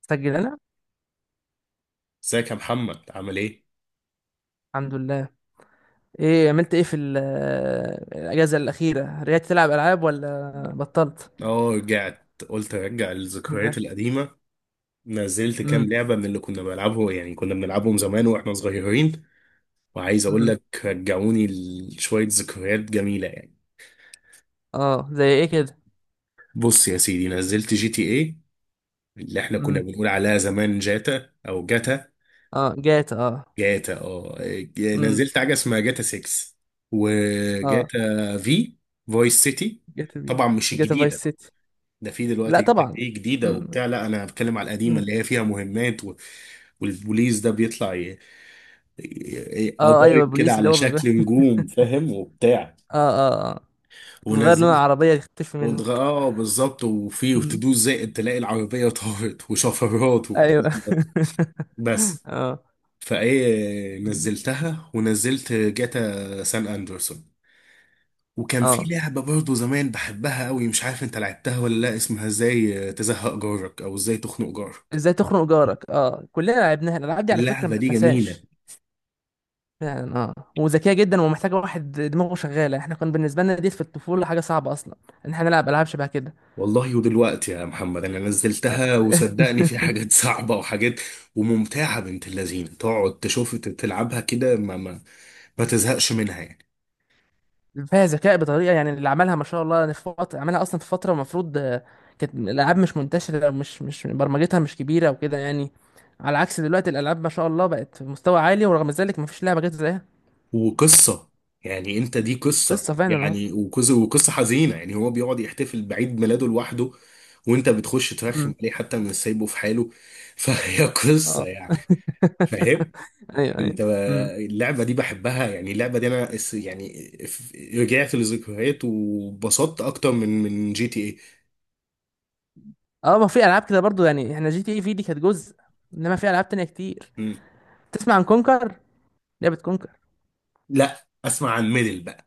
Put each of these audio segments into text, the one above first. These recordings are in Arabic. سجل انا. ازيك يا محمد، عامل ايه؟ الحمد لله. ايه عملت ايه في الاجازه الاخيره، رجعت تلعب العاب ولا بطلت؟ اه، رجعت، قلت ارجع الذكريات القديمة. نزلت كام امم لعبة من اللي كنا بنلعبه، يعني كنا بنلعبهم زمان واحنا صغيرين. وعايز اقول امم لك رجعوني لشوية ذكريات جميلة يعني. اه، زي ايه كده؟ بص يا سيدي، نزلت جي تي ايه، اللي احنا كنا امم بنقول عليها زمان جاتا او جاتا. اه جاتا اه. جاتا، اه. امم نزلت حاجة اسمها جاتا 6، اه وجاتا في فويس سيتي. جاتا بي، طبعا مش جاتا فايس الجديدة. سيتي. ده في لا دلوقتي جايبك طبعا. ايه جديده امم وبتاع، لا، انا بتكلم على القديمه امم اللي هي فيها مهمات و... والبوليس ده بيطلع اه ايوه، قضايم كده بوليس اللي على هو بيبقى. شكل نجوم، فاهم وبتاع. اه اه اه بتتغير لون ونزلت، العربيه تختفي منك. اه بالظبط، وفي امم تدوس زائد تلاقي العربيه طارت وشفرات و... ايوه. بس. اه. فايه مم. نزلتها، ونزلت جاتا سان اندرسون. وكان في اه، لعبه برضه زمان بحبها قوي، مش عارف انت لعبتها ولا لا، اسمها ازاي تزهق جارك، او ازاي تخنق جارك. ازاي تخنق جارك، اه كلنا لعبناها، الالعاب دي على فكره ما اللعبة دي تتنساش. جميلة. فعلا، اه، وذكيه جدا ومحتاجه واحد دماغه شغاله. احنا كان بالنسبه لنا دي في الطفوله حاجه صعبه اصلا ان احنا نلعب العاب شبه كده. والله ودلوقتي يا محمد انا آه. نزلتها، وصدقني، في حاجات صعبه، وحاجات وممتعه بنت اللذينه، تقعد تشوف تلعبها كده، ما تزهقش منها يعني. فيها ذكاء بطريقه، يعني اللي عملها ما شاء الله، أنا في فتره عملها اصلا، في فتره المفروض آه، كانت الالعاب مش منتشره، مش برمجتها مش كبيره وكده يعني. على عكس دلوقتي الالعاب ما شاء الله بقت في مستوى عالي، ورغم ذلك ما فيش لعبه جت زيها. وقصه. يعني انت دي قصه قصه فعلا اهو. يعني، وقصه حزينه يعني، هو بيقعد يحتفل بعيد ميلاده لوحده، وانت بتخش ترخم امم عليه، حتى من سايبه في حاله. فهي قصه اه. يعني. فاهم ايوه ايوه. انت؟ امم اللعبه دي بحبها يعني، اللعبه دي انا رجعت لذكريات، وبسطت اكتر من جي تي اي. اه. ما في العاب كده برضو، يعني احنا جي تي اي في دي كانت جزء، انما في العاب تانية كتير. مم. تسمع عن كونكر، لعبة كونكر؟ لا، اسمع عن ميدل بقى.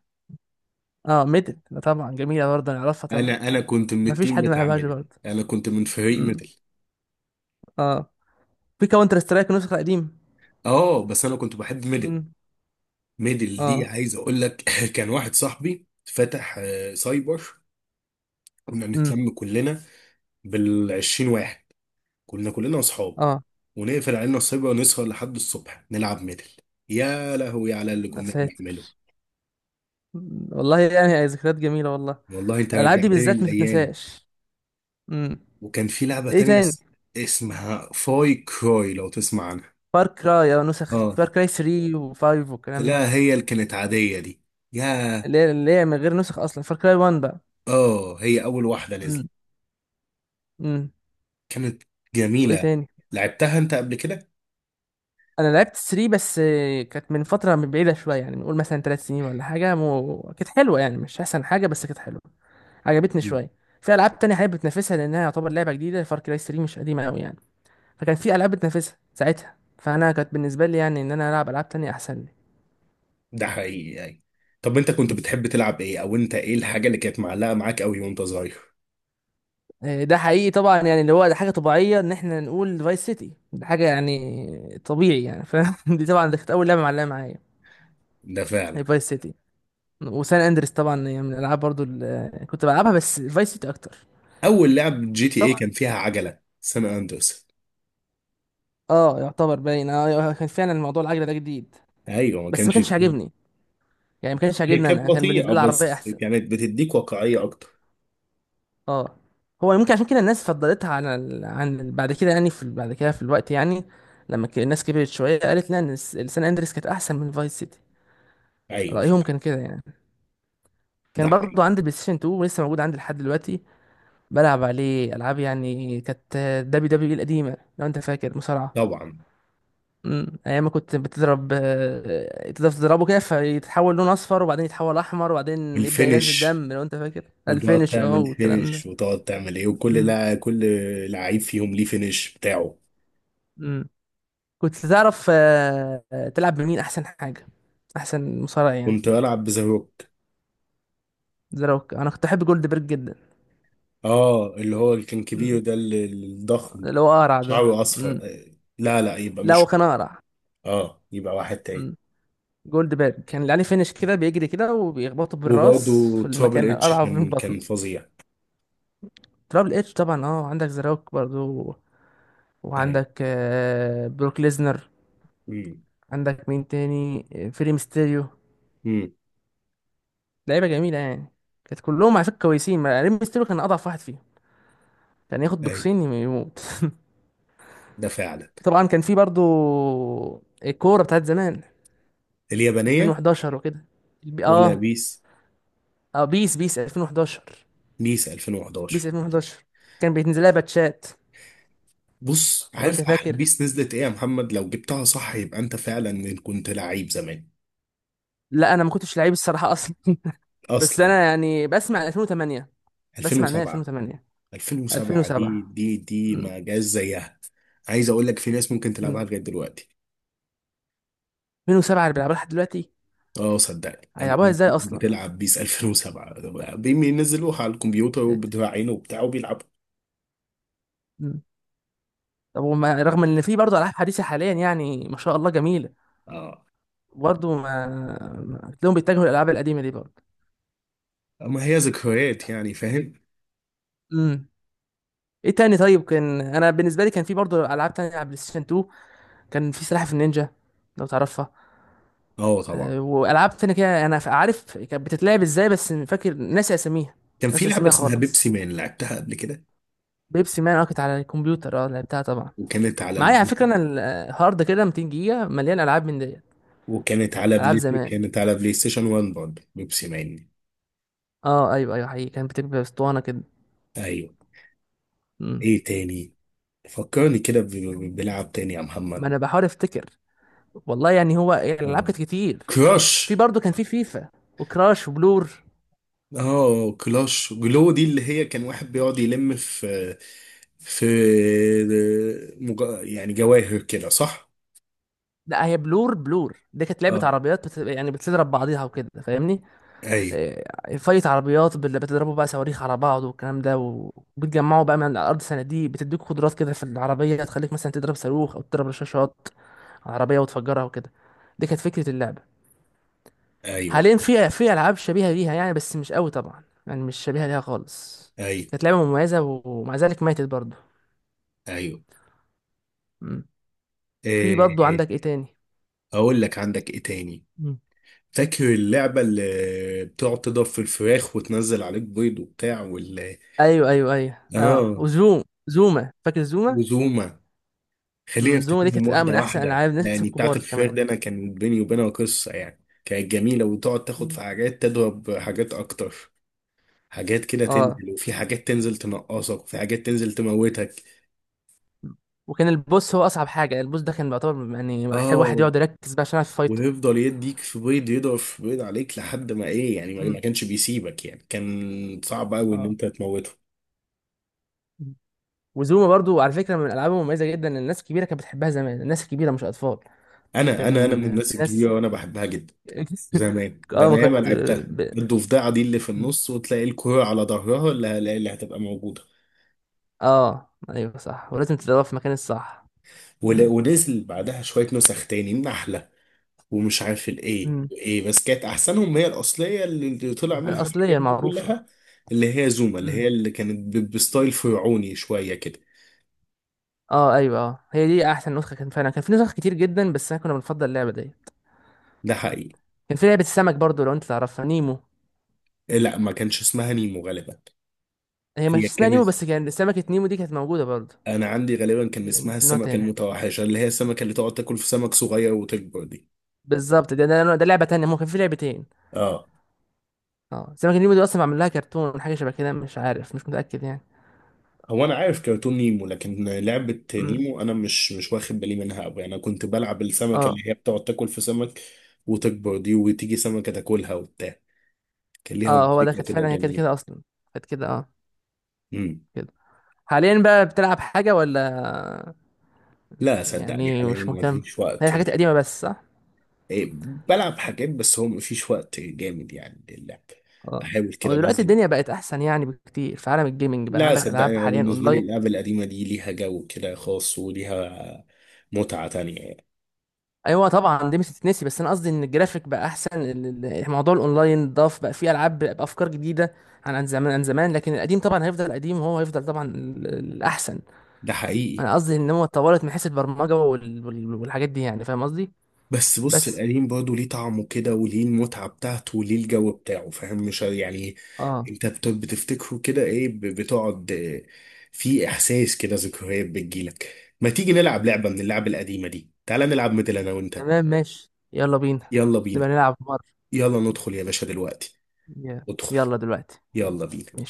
اه، ميدل طبعا جميلة برضه، انا اعرفها طبعا. انا كنت من مفيش التيم حد ما بتاع يلعبهاش ميدل، برضه. انا كنت من فريق امم ميدل. اه. في كاونتر سترايك نسخة قديم. اه، بس انا كنت بحب ميدل. امم ميدل دي اه. عايز اقول لك كان واحد صاحبي فتح سايبر. كنا امم نتلم كلنا بال20 واحد، كنا كلنا اصحاب، اه. ونقفل علينا السايبر ونسهر لحد الصبح نلعب ميدل. يا لهوي على اللي يا كنا ساتر. بنعمله. مم. والله يعني هي ذكريات جميلة والله. والله انت الالعاب دي رجعتني بالذات ما للايام. تتنساش. امم وكان في لعبه ايه تانية تاني؟ اسمها فاي كروي، لو تسمع عنها. فار كراي، اه نسخ اه. فار كراي 3 و5 والكلام ده. لا، هي اللي كانت عاديه دي. يا اللي هي من غير نسخ اصلا فار كراي 1 بقى. اه، هي اول واحده نزلت، امم امم كانت وايه جميله. تاني؟ لعبتها انت قبل كده؟ انا لعبت 3 بس، آه كانت من فتره، من بعيده شويه، يعني نقول مثلا 3 سنين ولا حاجه، كانت حلوه يعني، مش احسن حاجه بس كانت حلوه، عجبتني مم. شويه. في العاب تانية حابب بتنافسها، لانها يعتبر لعبه جديده، فار كراي 3 مش قديمه قوي يعني، فكان في العاب بتنافسها ساعتها، فانا كانت بالنسبه لي يعني ان انا العب العاب تانية احسن لي. ده حقيقي يعني. طب انت كنت بتحب تلعب ايه، او انت ايه الحاجه اللي كانت معلقه معاك قوي وانت صغير؟ آه ده حقيقي طبعا، يعني اللي هو ده حاجه طبيعيه ان احنا نقول فايس سيتي ده حاجه يعني طبيعي يعني، فدي طبعا دي كانت اول لعبه معلقه معايا، ده هي فعلا. فايس سيتي. وسان اندريس طبعا هي من الالعاب برضو اللي كنت بلعبها، بس فايس سيتي اكتر. اول لعب جي تي ايه طبعا. كان فيها عجله، سان اندرس. اه يعتبر باين، اه آه كان فعلا الموضوع العجله ده جديد، ايوه، ما بس كانش ما كانش فيه. عاجبني، يعني ما كانش هي عاجبني، كانت انا كان بالنسبه بطيئه، لي العربيه بس احسن. كانت بتديك واقعيه اكتر. اه هو ممكن عشان كده الناس فضلتها على بعد كده، يعني في بعد كده في الوقت يعني لما الناس كبرت شويه قالت لا، ان السان اندريس كانت احسن من فايس سيتي. ايوه. رايهم كان كده يعني. ده كان برضو حقيقي عندي بلاي ستيشن 2 ولسه موجود عندي لحد دلوقتي، بلعب عليه العاب، يعني كانت دبليو دبليو اي القديمه لو انت فاكر، مصارعه. طبعا. ايام ما كنت بتضرب آه، تقدر تضربه كده فيتحول لون اصفر، وبعدين يتحول احمر، وبعدين يبدأ ينزل والفينش. دم لو انت فاكر وتقعد الفينش اه تعمل والكلام ده. فينش، وتقعد تعمل ايه، وكل امم لا كل لعيب فيهم ليه فينش بتاعه. امم كنت تعرف تلعب بمين احسن حاجة، احسن مصارع يعني؟ كنت بلعب بزاروك. ذا روك. انا كنت احب جولد بيرج جدا. اه، اللي هو اللي كان كبير مم. ده، الضخم. اللي هو اقرع ده. شعره اصفر، مم. لا لا، يبقى لا هو مش. كان اقرع. اه، يبقى واحد تاني. مم. جولد بيرج كان اللي عليه فينش كده، بيجري كده وبيخبطه بالراس وبرضه في ترابل المكان اتش القرع وفي كان البطن. كان فظيع. ترابل اتش طبعا اه. عندك ذا روك برضو، اي. وعندك آه بروك ليزنر. امم. عندك مين تاني آه، فري ميستيريو. امم. لعيبه جميله يعني. كانت كلهم على فكره كويسين، ري ميستيريو كان اضعف واحد فيهم، كان ياخد اي. بوكسين يموت. ده فعلا. طبعا كان في برضو الكوره بتاعت زمان اليابانية. 2011 وكده. البي- ولا اه بيس، اه بيس 2011. بيس بيس 2011. 2011 كان بينزل لها باتشات بص، لو انت عارف احلى فاكر. بيس نزلت ايه يا محمد؟ لو جبتها صح يبقى انت فعلا كنت لعيب زمان. لا انا ما كنتش لعيب الصراحه اصلا. بس اصلا انا يعني بسمع 2008، بسمع ان هي 2007. 2008. 2007، دي 2007. دي دي م- ما جاش زيها. عايز اقول لك في ناس ممكن م. تلعبها لغايه دلوقتي. 2007 اللي بيلعبوها لحد دلوقتي، اه، صدقني انا هيلعبوها عارف ازاي ناس اصلا؟ بتلعب بيس 2007، بينزلوها على الكمبيوتر وبتراعينه وبتاع وبيلعبوا. م. طب وما رغم ان في برضه العاب حديثه حاليا يعني ما شاء الله جميله، اه، برضه تلاقيهم بيتجهوا للالعاب القديمه دي برضه. ما هي ذكريات يعني، فاهم. امم ايه تاني؟ طيب كان انا بالنسبه لي كان في برضه العاب تانية على بلاي ستيشن 2. كان في سلاحف النينجا لو تعرفها. اه، طبعا. آه، والعاب تانية كده انا عارف كانت بتتلعب ازاي، بس فاكر ناسي اساميها، كان في ناسي لعبه اساميها اسمها بيبسي خالص. مان، لعبتها قبل كده. بيبسي مان اه كانت على الكمبيوتر، اه لعبتها طبعا. وكانت على، معايا على فكره انا الهارد كده 200 جيجا مليان العاب من ديت. وكانت على العاب بلاي زمان. كانت على بلاي ستيشن 1 برضه، بيبسي مان. اه ايوه ايوه حقيقي، كان بتبقى اسطوانه كده. ايوه. مم. ايه تاني؟ فكرني كده بلعب تاني يا ما محمد. انا بحاول افتكر، والله يعني هو يعني الالعاب اه، كانت كتير. كراش. في برضه كان في فيفا، وكراش، وبلور. اه، كلاش جلو دي، اللي هي كان واحد بيقعد يلم في يعني جواهر كده، صح. لا هي بلور، بلور دي كانت لعبه اه. عربيات يعني بتضرب بعضيها وكده فاهمني. ايوه. آه فايت عربيات بتضربوا بقى صواريخ على بعض والكلام ده، و- وبتجمعوا بقى من على الارض صناديق بتديك قدرات كده في العربيه تخليك مثلا تضرب صاروخ او تضرب رشاشات على العربيه وتفجرها وكده. دي كانت فكره اللعبه. ايوه، حاليا في العاب شبيهه ليها يعني، بس مش قوي طبعا، يعني مش شبيهه ليها خالص. ايوه، كانت لعبه مميزه ومع ذلك ماتت برضه. ايوه، مم. في برضه إيه، عندك ايه تاني؟ اقول لك عندك ايه تاني. مم. فاكر اللعبة اللي بتقعد تضرب في الفراخ وتنزل عليك بيض وبتاع وال... ايوه ايوه ايوه، اه اه، زوما، فاكر زوما؟ وزوما. خلينا مم، زوما دي نفتكرهم كانت من واحدة احسن واحدة. العاب الناس يعني بتاعة الكبار الفراخ كمان. دي، أنا كان بيني وبينها قصة يعني، كانت جميلة، وتقعد تاخد مم. في حاجات، تضرب حاجات أكتر. حاجات كده اه. تنزل، وفي حاجات تنزل تنقصك، وفي حاجات تنزل تموتك. وكان البوس هو اصعب حاجه، البوس ده كان بيعتبر يعني محتاج واحد اه. يقعد يركز بقى عشان يعرف يفايته. ويفضل يديك في بيض، يضرب في بيض عليك لحد ما ايه يعني، ما مم. ما كانش بيسيبك يعني، كان صعب قوي ان اه. انت تموته. مم. وزوما برضو على فكره من الالعاب المميزه جدا، الناس الكبيره كانت بتحبها زمان، الناس الكبيره مش اطفال. انا من كان في الناس ناس. الكبيره، وانا بحبها جدا. زمان ده اه ما انا ياما كنت لعبتها. ب... الضفدعه دي اللي في النص، وتلاقي الكوره على ظهرها اللي هتبقى موجوده. اه ايوه صح، ولازم تدورها في المكان الصح. مم. ونزل بعدها شوية نسخ تاني، النحلة، ومش عارف الايه امم ايه، بس كانت احسنهم هي الاصلية، اللي طلع منها الأصلية الحاجات دي المعروفة. كلها. اللي هي زوما، مم. اللي كانت بستايل فرعوني شوية كده. اه ايوه، اه هي دي احسن نسخة. كان فعلا كان في نسخ كتير جدا، بس احنا كنا بنفضل اللعبة دي. ده حقيقي. كان في لعبة السمك برضو لو انت تعرفها، نيمو. لا، ما كانش اسمها نيمو غالبا. هي مش هي اسمها كانت. نيمو، بس كان سمكة نيمو دي كانت موجودة برضو، انا عندي غالبا كان يعني اسمها في نوع السمكة تاني. المتوحشة، اللي هي السمكة اللي تقعد تاكل في سمك صغير وتكبر دي. بالظبط، ده لعبة تانية، ممكن في لعبتين. اه. اه سمكة نيمو دي اصلا معمول لها كرتون، حاجة شبه كده مش عارف مش متأكد يعني. هو انا عارف كرتون نيمو، لكن لعبة مم. نيمو انا مش واخد بالي منها قوي. انا كنت بلعب السمكة اه. اللي هي بتقعد تاكل في سمك وتكبر دي، وتيجي سمكة تاكلها وبتاع. كان ليها اه هو ده، موسيقى كانت كده فعلا هي كانت جميلة. كده اصلا. كانت كده اه امم. كده. حاليا بقى بتلعب حاجة ولا؟ لا، صدقني، يعني حاليا مش ما مهتم، فيش هي وقت الحاجات القديمة يعني. بس صح. إيه، بلعب حاجات، بس هو ما فيش وقت جامد يعني للعب. اه، بحاول كده هو دلوقتي انزل. الدنيا بقت احسن يعني بكتير، في عالم الجيمنج بقى لا، عندك العاب صدقني، أنا حاليا بالنسبة لي اونلاين. اللعبة القديمة دي ليها جو كده خاص، وليها متعة تانية يعني. ايوه طبعا دي مش هتتنسي، بس انا قصدي ان الجرافيك بقى احسن، موضوع الاونلاين ضاف بقى فيه العاب بافكار جديده عن زمان، لكن القديم طبعا هيفضل قديم، وهو هيفضل طبعا الاحسن. ده حقيقي. انا قصدي ان هو اتطورت من حيث البرمجه والحاجات دي يعني، فاهم قصدي؟ بس بص، بس القديم برضه ليه طعمه كده، وليه المتعة بتاعته، وليه الجو بتاعه، فاهم، مش يعني. اه. انت بتفتكره كده، ايه بتقعد، في احساس كده، ذكريات بتجيلك. ما تيجي نلعب لعبة من اللعب القديمة دي، تعالى نلعب مثل انا وانت. تمام ماشي، يلا بينا. يلا بينا. نبقى نلعب مرة. يلا ندخل يا باشا دلوقتي. ادخل. يلا دلوقتي، يلا. يلا بينا. ماشي